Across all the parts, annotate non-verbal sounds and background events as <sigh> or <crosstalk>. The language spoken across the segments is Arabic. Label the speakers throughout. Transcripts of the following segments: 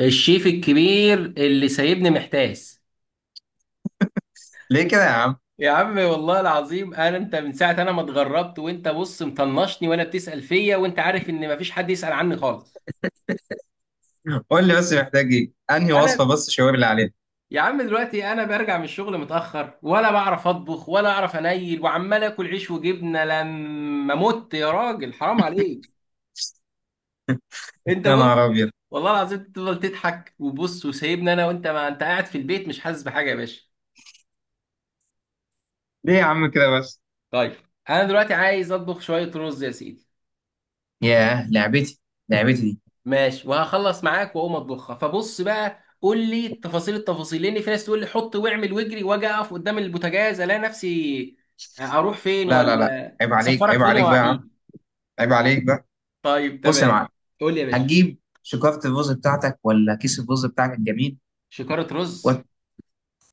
Speaker 1: الشيف الكبير اللي سايبني محتاس.
Speaker 2: ليه كده يا عم؟
Speaker 1: يا عم والله العظيم انا انت من ساعه انا ما اتغربت وانت بص مطنشني ولا بتسال فيا، وانت عارف ان مفيش حد يسال عني خالص.
Speaker 2: قول لي بس محتاج ايه، انهي وصفه
Speaker 1: انا
Speaker 2: بس شاور لي عليها.
Speaker 1: يا عم دلوقتي انا برجع من الشغل متاخر، ولا بعرف اطبخ ولا اعرف انيل، وعمال اكل عيش وجبنه لما مت، يا راجل حرام عليك. انت
Speaker 2: يا
Speaker 1: بص،
Speaker 2: نهار ابيض!
Speaker 1: والله العظيم تفضل تضحك وبص وسايبني انا، وانت ما انت قاعد في البيت مش حاسس بحاجه يا باشا.
Speaker 2: ليه يا عم كده بس؟
Speaker 1: طيب، انا دلوقتي عايز اطبخ شويه رز يا سيدي.
Speaker 2: ياه لعبتي، لعبتي دي.
Speaker 1: ماشي وهخلص معاك واقوم اطبخها. فبص بقى قول لي تفاصيل التفاصيل، لان في ناس تقول لي حط واعمل واجري، واجي اقف قدام البوتاجاز الاقي نفسي اروح فين
Speaker 2: لا لا لا،
Speaker 1: ولا
Speaker 2: عيب عليك،
Speaker 1: اسفرك
Speaker 2: عيب
Speaker 1: فين يا
Speaker 2: عليك بقى يا عم.
Speaker 1: وحيد.
Speaker 2: عيب عليك بقى.
Speaker 1: طيب
Speaker 2: بص يا
Speaker 1: تمام،
Speaker 2: معلم.
Speaker 1: قول لي يا باشا.
Speaker 2: هتجيب شكارة الرز بتاعتك ولا كيس الرز بتاعك الجميل؟
Speaker 1: شكارة رز.
Speaker 2: وت...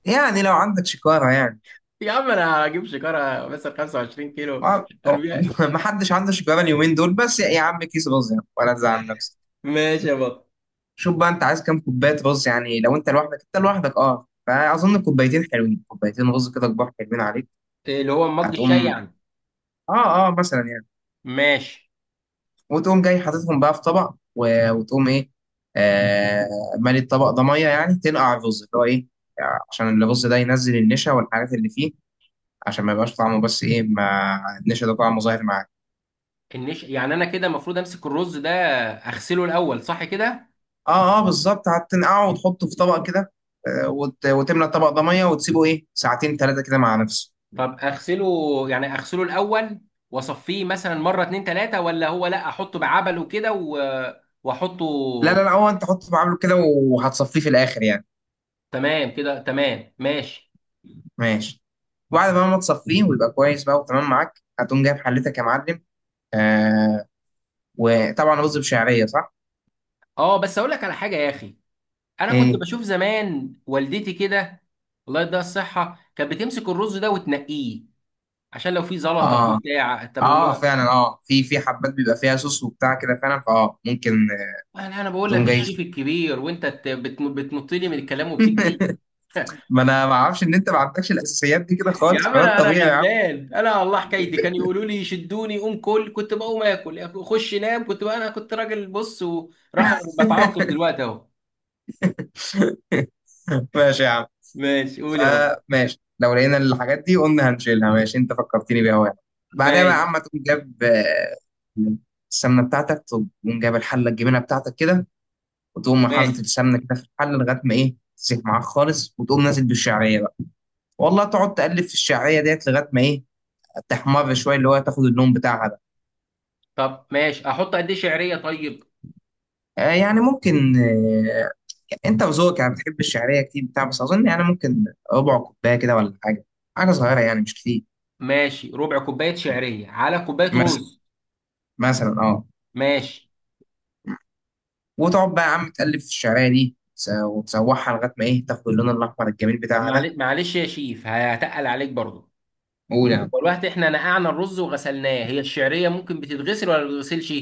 Speaker 2: يعني لو عندك شكارة يعني.
Speaker 1: يا عم انا هجيب شكارة مثلا 25 كيلو.
Speaker 2: ما أو-
Speaker 1: أربعين،
Speaker 2: <laughs> ما حدش عنده شكارة اليومين دول، بس يا عم كيس رز يعني ولا تزعل نفسك.
Speaker 1: ماشي يا بطل.
Speaker 2: شوف بقى، انت عايز كام كوباية رز؟ يعني لو انت لوحدك، فاظن كوبايتين حلوين، كوبايتين رز كده كبار حلوين عليك.
Speaker 1: اللي هو مج الشاي
Speaker 2: هتقوم
Speaker 1: يعني.
Speaker 2: اه مثلا يعني،
Speaker 1: ماشي.
Speaker 2: وتقوم جاي حاططهم بقى في طبق وتقوم ايه، آه مالي الطبق ده ميه، يعني تنقع الرز اللي هو ايه، عشان الرز ده ينزل النشا والحاجات اللي فيه، عشان ما يبقاش طعمه، بس ايه، ما النشا ده طعمه ظاهر معاك.
Speaker 1: النش يعني انا كده المفروض امسك الرز ده اغسله الاول، صح كده؟
Speaker 2: اه اه، بالظبط، هتنقعه وتحطه في طبق كده. وتملى الطبق ده ميه وتسيبه ايه ساعتين ثلاثه كده مع نفسه.
Speaker 1: طب اغسله، يعني اغسله الاول واصفيه مثلا مره اتنين تلاته، ولا هو لا احطه بعبل وكده واحطه.
Speaker 2: لا لا لا، هو انت حطه بعامله كده وهتصفيه في الاخر يعني.
Speaker 1: تمام كده تمام، ماشي.
Speaker 2: ماشي. وبعد بقى ما تصفيه ويبقى كويس بقى وتمام معاك، هتقوم جايب حلتك يا معلم، آه، وطبعا رز بشعريه صح؟
Speaker 1: اه بس اقول لك على حاجه يا اخي، انا كنت
Speaker 2: امم.
Speaker 1: بشوف زمان والدتي كده، الله يديها الصحه، كانت بتمسك الرز ده وتنقيه عشان لو في زلطه في
Speaker 2: اه
Speaker 1: بتاع، طب
Speaker 2: اه،
Speaker 1: هو
Speaker 2: فعلا، في حبات بيبقى فيها صوص وبتاع كده فعلا، فاه ممكن.
Speaker 1: انا بقول
Speaker 2: تقوم
Speaker 1: لك
Speaker 2: جاي.
Speaker 1: الشيف الكبير وانت بتنط لي من الكلام وبتجري.
Speaker 2: <laughs> ما انا ما اعرفش ان انت ما عندكش الاساسيات دي كده
Speaker 1: يا
Speaker 2: خالص،
Speaker 1: عم
Speaker 2: فده
Speaker 1: انا انا
Speaker 2: الطبيعي يا عم.
Speaker 1: غلبان، انا والله حكايتي كان يقولوا لي شدوني قوم كل، كنت بقوم اكل خش نام، كنت بقى انا كنت راجل بص ورخر بتعاقب دلوقتي اهو.
Speaker 2: <laughs> ماشي يا عم.
Speaker 1: ماشي قول يا بابا.
Speaker 2: فماشي لو لقينا الحاجات دي قلنا هنشيلها، ماشي، انت فكرتني بيها وانا. بعدها بقى يا
Speaker 1: ماشي.
Speaker 2: عم تقوم جاب السمنه بتاعتك، تقوم جايب الحله الجبنه بتاعتك كده، وتقوم حاطط
Speaker 1: ماشي.
Speaker 2: السمنه كده في الحله لغايه ما ايه تسيح معاك خالص، وتقوم نازل بالشعريه بقى. والله تقعد تقلب في الشعريه ديت لغايه ما ايه تحمر شويه، اللي هو تاخد اللون بتاعها ده.
Speaker 1: طب ماشي، احط قد ايه شعريه طيب؟
Speaker 2: يعني ممكن. انت وذوقك يعني، بتحب الشعريه كتير بتاع، بس اظن يعني ممكن ربع كوبايه كده ولا حاجه، حاجه صغيره يعني مش كتير.
Speaker 1: ماشي، ربع كوبايه شعريه على كوبايه
Speaker 2: مثلا،
Speaker 1: رز.
Speaker 2: مثلا اه.
Speaker 1: ماشي.
Speaker 2: وتقعد بقى يا عم تقلب في الشعريه دي وتسوحها لغايه ما ايه تاخد اللون الاحمر الجميل
Speaker 1: طب
Speaker 2: بتاعها ده.
Speaker 1: معلش يا شيف هتقل عليك برضه،
Speaker 2: قول يعني.
Speaker 1: والوقت احنا نقعنا الرز وغسلناه، هي الشعريه ممكن بتتغسل ولا ما بتتغسلش؟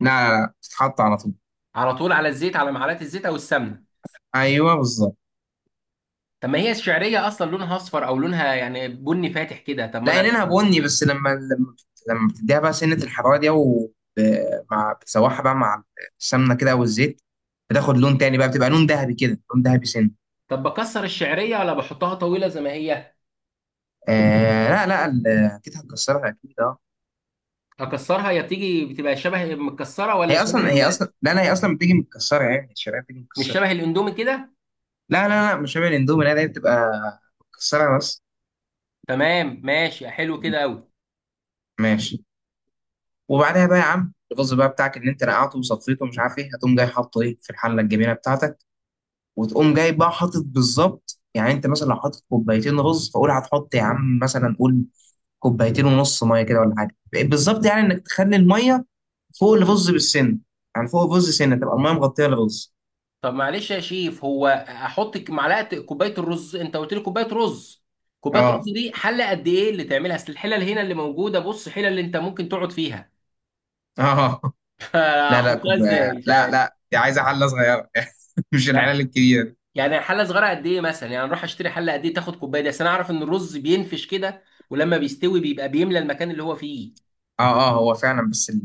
Speaker 2: لا لا لا، تتحط على طول.
Speaker 1: على طول على الزيت، على معلقه الزيت او السمنه؟
Speaker 2: ايوه بالظبط.
Speaker 1: طب ما هي الشعرية أصلا لونها أصفر أو لونها يعني بني فاتح كده، طب ما
Speaker 2: لا
Speaker 1: أنا.
Speaker 2: عينينها بني، بس لما بتديها بقى سنة الحرارة دي ومع بتسوحها بقى مع السمنة كده والزيت، بتاخد لون تاني بقى، بتبقى لون ذهبي كده، لون ذهبي سن.
Speaker 1: طب بكسر الشعرية ولا بحطها طويلة زي ما هي؟
Speaker 2: آه لا لا، اكيد هتكسرها اكيد اه.
Speaker 1: أكسرها يا بتيجي بتبقى شبه متكسرة ولا
Speaker 2: هي
Speaker 1: شبه
Speaker 2: اصلا هي اصلا لا لا، هي اصلا بتيجي متكسرة، يعني الشرقية بتيجي
Speaker 1: مش
Speaker 2: متكسرة.
Speaker 1: شبه الأندومي كده؟
Speaker 2: لا لا لا، مش شبه الاندومي، لا لا، هي بتبقى متكسرة بس.
Speaker 1: تمام ماشي، حلو كده أوي.
Speaker 2: ماشي. وبعدها بقى يا عم الرز بقى بتاعك اللي انت نقعته وصفيته ومش عارف ايه، هتقوم جاي حاطه ايه في الحلة الجميلة بتاعتك، وتقوم جاي بقى حاطط بالظبط، يعني انت مثلا لو حاطط كوبايتين رز فقول هتحط يا عم مثلا، قول كوبايتين ونص ميه كده ولا حاجه، بالظبط يعني انك تخلي الميه فوق الرز بالسن، يعني فوق الرز سنه تبقى الميه مغطيه الرز.
Speaker 1: طب معلش يا شيف، هو أحط معلقة كوباية الرز، أنت قلت لي كوباية رز. كوباية
Speaker 2: اه
Speaker 1: رز دي حلة قد إيه اللي تعملها؟ أصل الحلل هنا اللي موجودة، بص حلل اللي أنت ممكن تقعد فيها.
Speaker 2: اه.
Speaker 1: <laughs>
Speaker 2: لا لا
Speaker 1: فأحطها
Speaker 2: كوب...
Speaker 1: إزاي مش
Speaker 2: لا
Speaker 1: عارف.
Speaker 2: لا، دي عايزه حله صغيره، <laughs> مش الحله الكبيره دي.
Speaker 1: يعني حله صغيره قد ايه مثلا، يعني اروح اشتري حله قد ايه تاخد كوبايه دي؟ اصل انا اعرف ان الرز بينفش كده، ولما بيستوي بيبقى بيملى المكان اللي هو فيه.
Speaker 2: اه اه، هو فعلا بس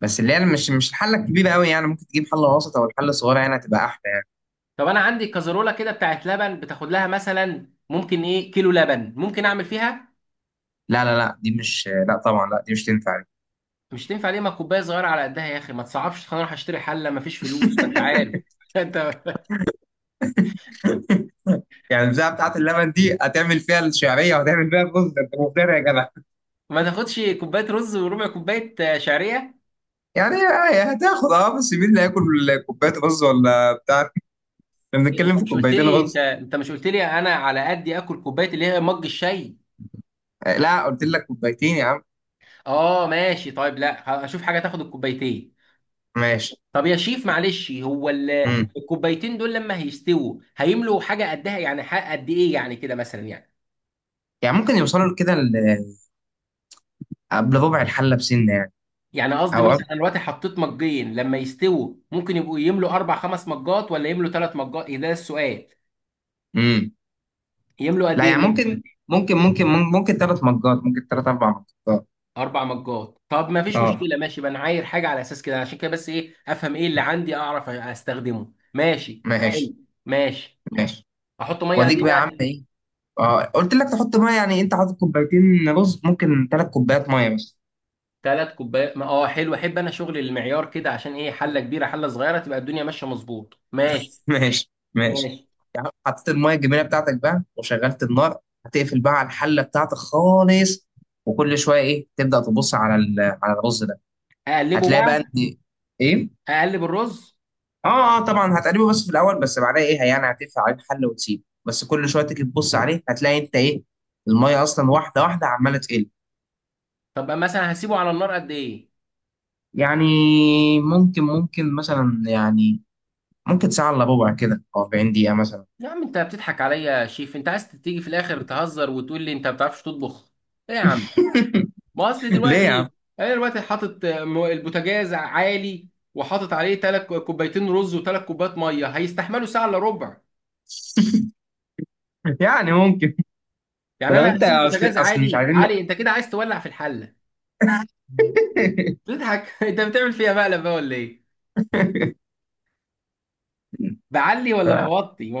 Speaker 2: بس اللي هي مش الحله الكبيره قوي، يعني ممكن تجيب حله وسط او الحله الصغيره، يعني هتبقى احلى.
Speaker 1: طب انا عندي كزرولة كده بتاعت لبن بتاخد لها مثلا ممكن ايه كيلو لبن، ممكن اعمل فيها؟
Speaker 2: لا لا لا، دي مش، لا طبعا، لا دي مش تنفع.
Speaker 1: مش تنفع ليه؟ ما كوبايه صغيره على قدها يا اخي، ما تصعبش، خلينا اروح اشتري حله ما فيش فلوس ما انت عارف. <laughs> انت
Speaker 2: يعني البتاعه بتاعت اللبن دي هتعمل فيها الشعريه وهتعمل فيها الرز ده، انت مفتري يا جدع.
Speaker 1: ما تاخدش كوبايه رز وربع كوبايه شعريه؟
Speaker 2: يعني هتاخد اه، بس مين اللي هياكل كوبايه رز ولا بتاع، احنا
Speaker 1: إيه، انت
Speaker 2: بنتكلم في
Speaker 1: مش قلت
Speaker 2: كوبايتين
Speaker 1: لي، انت
Speaker 2: رز.
Speaker 1: انت مش قلت لي انا على قدي اكل كوبايه اللي هي مج الشاي؟
Speaker 2: لا قلت لك كوبايتين يا عم.
Speaker 1: اه ماشي طيب، لا اشوف حاجه تاخد الكوبايتين.
Speaker 2: ماشي.
Speaker 1: طب يا شيف معلش، هو
Speaker 2: امم.
Speaker 1: الكوبايتين دول لما هيستووا هيملوا حاجه قدها، يعني حق قد ايه يعني كده مثلا يعني؟
Speaker 2: يعني ممكن يوصلوا كده قبل ربع الحله بسنه يعني،
Speaker 1: يعني قصدي
Speaker 2: او قبل.
Speaker 1: مثلا انا دلوقتي حطيت مجين، لما يستووا ممكن يبقوا يملوا اربع خمس مجات، ولا يملوا ثلاث مجات؟ إيه ده السؤال،
Speaker 2: امم.
Speaker 1: يملوا قد
Speaker 2: لا
Speaker 1: ايه
Speaker 2: يعني ممكن 3 مجات، ممكن ثلاث اربع مجات.
Speaker 1: اربع مجات؟ طب ما فيش
Speaker 2: اه
Speaker 1: مشكله، ماشي بقى انا عاير حاجه على اساس كده، عشان كده بس ايه افهم ايه اللي عندي اعرف استخدمه ماشي. حلو
Speaker 2: ماشي
Speaker 1: ماشي.
Speaker 2: ماشي.
Speaker 1: احط ميه قد
Speaker 2: واديك
Speaker 1: ايه
Speaker 2: بقى يا عم
Speaker 1: بقى؟
Speaker 2: ايه، اه قلت لك تحط ميه، يعني انت حاطط كوبايتين رز ممكن 3 كوبايات ميه بس.
Speaker 1: ثلاث كوبايات، ما اه حلو، احب انا شغل المعيار كده، عشان ايه حله كبيره حله صغيره تبقى الدنيا ماشيه مظبوط، ماشي
Speaker 2: <laughs> ماشي ماشي.
Speaker 1: ماشي.
Speaker 2: يعني حطيت الميه الجميله بتاعتك بقى وشغلت النار، هتقفل بقى على الحله بتاعتك خالص، وكل شويه ايه تبدا تبص على على الرز ده،
Speaker 1: اقلبه
Speaker 2: هتلاقي بقى ان
Speaker 1: بقى.
Speaker 2: ايه.
Speaker 1: اقلب الرز.
Speaker 2: اه اه، طبعا هتقلبه بس في الاول، بس بعدها ايه يعني هتقفل عليه الحله وتسيبه، بس كل شويه تيجي تبص عليه هتلاقي انت ايه، الميه اصلا واحده واحده عماله تقل.
Speaker 1: طب مثلا هسيبه على النار قد ايه؟
Speaker 2: يعني ممكن ممكن مثلا يعني ممكن ساعه الا ربع كده او 40 دقيقه مثلا.
Speaker 1: يا عم انت بتضحك عليا يا شيف، انت عايز تيجي في الاخر تهزر وتقول لي انت ما بتعرفش تطبخ؟ ايه يا عم ما
Speaker 2: <laughs>
Speaker 1: اصل
Speaker 2: ليه يا
Speaker 1: دلوقتي،
Speaker 2: عم؟
Speaker 1: انا دلوقتي حاطط البوتاجاز عالي، وحاطط عليه ثلاث كوبايتين رز وثلاث كوبايات ميه، هيستحملوا ساعه الا ربع؟
Speaker 2: <laughs> يعني ممكن. ده
Speaker 1: يعني
Speaker 2: لو
Speaker 1: انا
Speaker 2: انت
Speaker 1: هسيب
Speaker 2: اصل
Speaker 1: البوتاجاز
Speaker 2: اصل مش
Speaker 1: عالي
Speaker 2: عايزين.
Speaker 1: عالي، انت كده عايز تولع في الحله؟
Speaker 2: <laughs>
Speaker 1: تضحك. <laughs> انت بتعمل فيها مقلب بقى ولا ايه؟ بعلي ولا
Speaker 2: ف...
Speaker 1: بوطي ما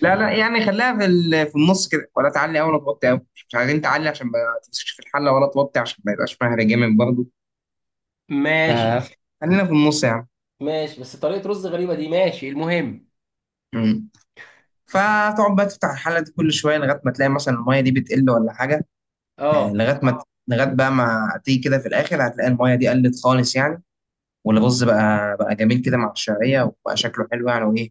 Speaker 2: لا لا، يعني خليها في في النص كده، ولا تعلي قوي ولا توطي قوي، مش عايزين تعلي عشان ما تمسكش في الحله، ولا توطي عشان ما يبقاش مهري جامد برضه،
Speaker 1: ماشي.
Speaker 2: فخلينا في النص يعني.
Speaker 1: ماشي بس طريقة رز غريبة دي، ماشي المهم.
Speaker 2: مم. فتقعد بقى تفتح الحله دي كل شويه لغايه ما تلاقي مثلا الميه دي بتقل ولا حاجه،
Speaker 1: اه،
Speaker 2: لغايه ما، لغايه بقى ما تيجي كده في الاخر هتلاقي الميه دي قلت خالص يعني، والرز بقى جميل كده مع الشعريه وبقى شكله حلو يعني وايه،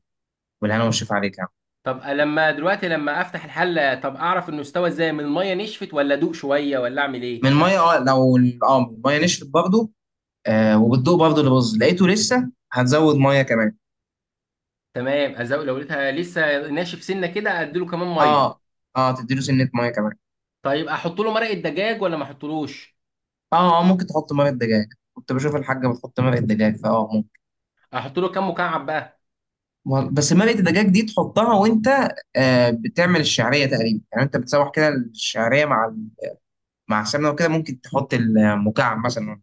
Speaker 2: والهنا والشفا عليك يعني.
Speaker 1: طب لما دلوقتي لما افتح الحلة، طب اعرف انه استوى ازاي، من المية نشفت ولا ادوق شوية ولا اعمل
Speaker 2: من
Speaker 1: ايه؟
Speaker 2: الميه، اه لو اه من الميه نشفت برضه، آه وبتدوق برضه اللي باظ لقيته لسه هتزود ميه كمان.
Speaker 1: تمام، ازوق لو لقيتها لسه ناشف سنة كده اديله كمان
Speaker 2: اه
Speaker 1: مية.
Speaker 2: اه، تديله سنه ميه كمان.
Speaker 1: طيب احط له مرقة دجاج ولا ما احطلوش؟
Speaker 2: اه اه، ممكن تحط مرقه دجاج، كنت بشوف الحاجه بتحط مرقه دجاج فاه ممكن.
Speaker 1: احط له كام مكعب بقى؟
Speaker 2: بس مرقه الدجاج دي تحطها وانت آه بتعمل الشعريه تقريبا، يعني انت بتسوح كده الشعريه مع مع السمنه وكده، ممكن تحط المكعب مثلا.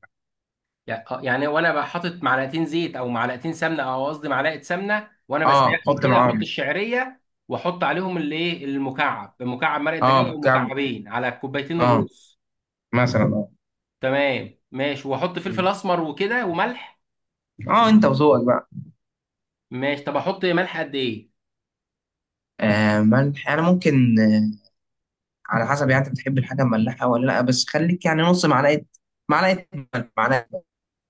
Speaker 1: يعني يعني وانا بقى حاطط معلقتين زيت او معلقتين سمنه، او قصدي معلقه سمنه، وانا
Speaker 2: اه
Speaker 1: بسيحهم
Speaker 2: حط
Speaker 1: كده احط
Speaker 2: معاهم.
Speaker 1: الشعريه، واحط عليهم الايه المكعب، مكعب مرق الدجاج
Speaker 2: اه
Speaker 1: او
Speaker 2: مكعب،
Speaker 1: مكعبين على كوبايتين
Speaker 2: اه،
Speaker 1: الرز؟
Speaker 2: مثلا اه.
Speaker 1: تمام ماشي، واحط فلفل اسمر وكده وملح.
Speaker 2: اه انت وذوقك بقى.
Speaker 1: ماشي طب احط ملح قد ايه؟
Speaker 2: آه ملح، انا ممكن على حسب، يعني انت بتحب الحاجه مملحه ولا لا، بس خليك يعني نص معلقه، معلقه ملح، معلقه.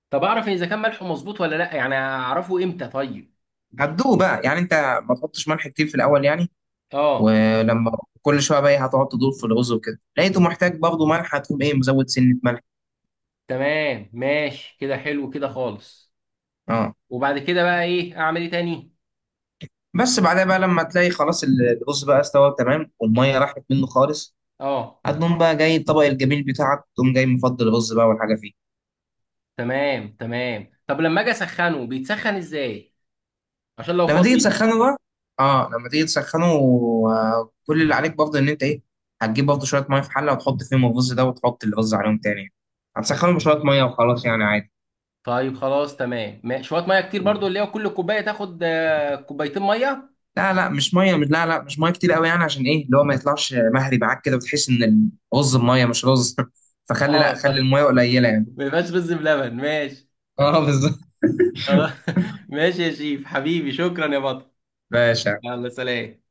Speaker 1: طب اعرف اذا كان ملحه مظبوط ولا لا، يعني اعرفه امتى طيب؟
Speaker 2: هتدوق بقى، يعني انت ما تحطش ملح كتير في الاول يعني.
Speaker 1: اه.
Speaker 2: ولما كل شويه بقى إيه، هتقعد تدور في الرز وكده، لقيته محتاج برضه ملح هتقوم ايه مزود سنه ملح.
Speaker 1: تمام ماشي كده، حلو كده خالص.
Speaker 2: اه
Speaker 1: وبعد كده بقى ايه اعمل ايه تاني؟
Speaker 2: بس بعدها بقى لما تلاقي خلاص الرز بقى استوى تمام والميه راحت منه خالص،
Speaker 1: اه.
Speaker 2: هتقوم بقى جاي الطبق الجميل بتاعك، تقوم جاي مفضل الرز بقى والحاجه فيه.
Speaker 1: تمام تمام، طب لما اجي اسخنه بيتسخن ازاي؟ عشان لو
Speaker 2: لما
Speaker 1: فاض
Speaker 2: تيجي
Speaker 1: مني.
Speaker 2: تسخنه بقى، اه لما تيجي تسخنه كل اللي عليك برضه ان انت ايه، هتجيب برضه شويه ميه في حله وتحط فيهم الرز ده وتحط الرز عليهم تاني، هتسخنه بشويه ميه وخلاص يعني عادي.
Speaker 1: طيب خلاص تمام، شويه ميه كتير برضو، اللي هو كل كوبايه تاخد كوبايتين ميه؟
Speaker 2: لا لا، مش ميه، مش، لا لا، مش ميه كتير قوي، يعني عشان ايه اللي هو ما يطلعش مهري معاك كده، وتحس ان الرز بميه مش رز. <laughs>
Speaker 1: <laughs>
Speaker 2: فخلي، لا
Speaker 1: اه
Speaker 2: خلي
Speaker 1: طيب،
Speaker 2: الميه قليله يعني.
Speaker 1: ما يبقاش رز بلبن ماشي.
Speaker 2: اه بالظبط.
Speaker 1: خلاص. <laughs> ماشي يا شيف حبيبي، شكرا يا بطل.
Speaker 2: باشا.
Speaker 1: يلا سلام.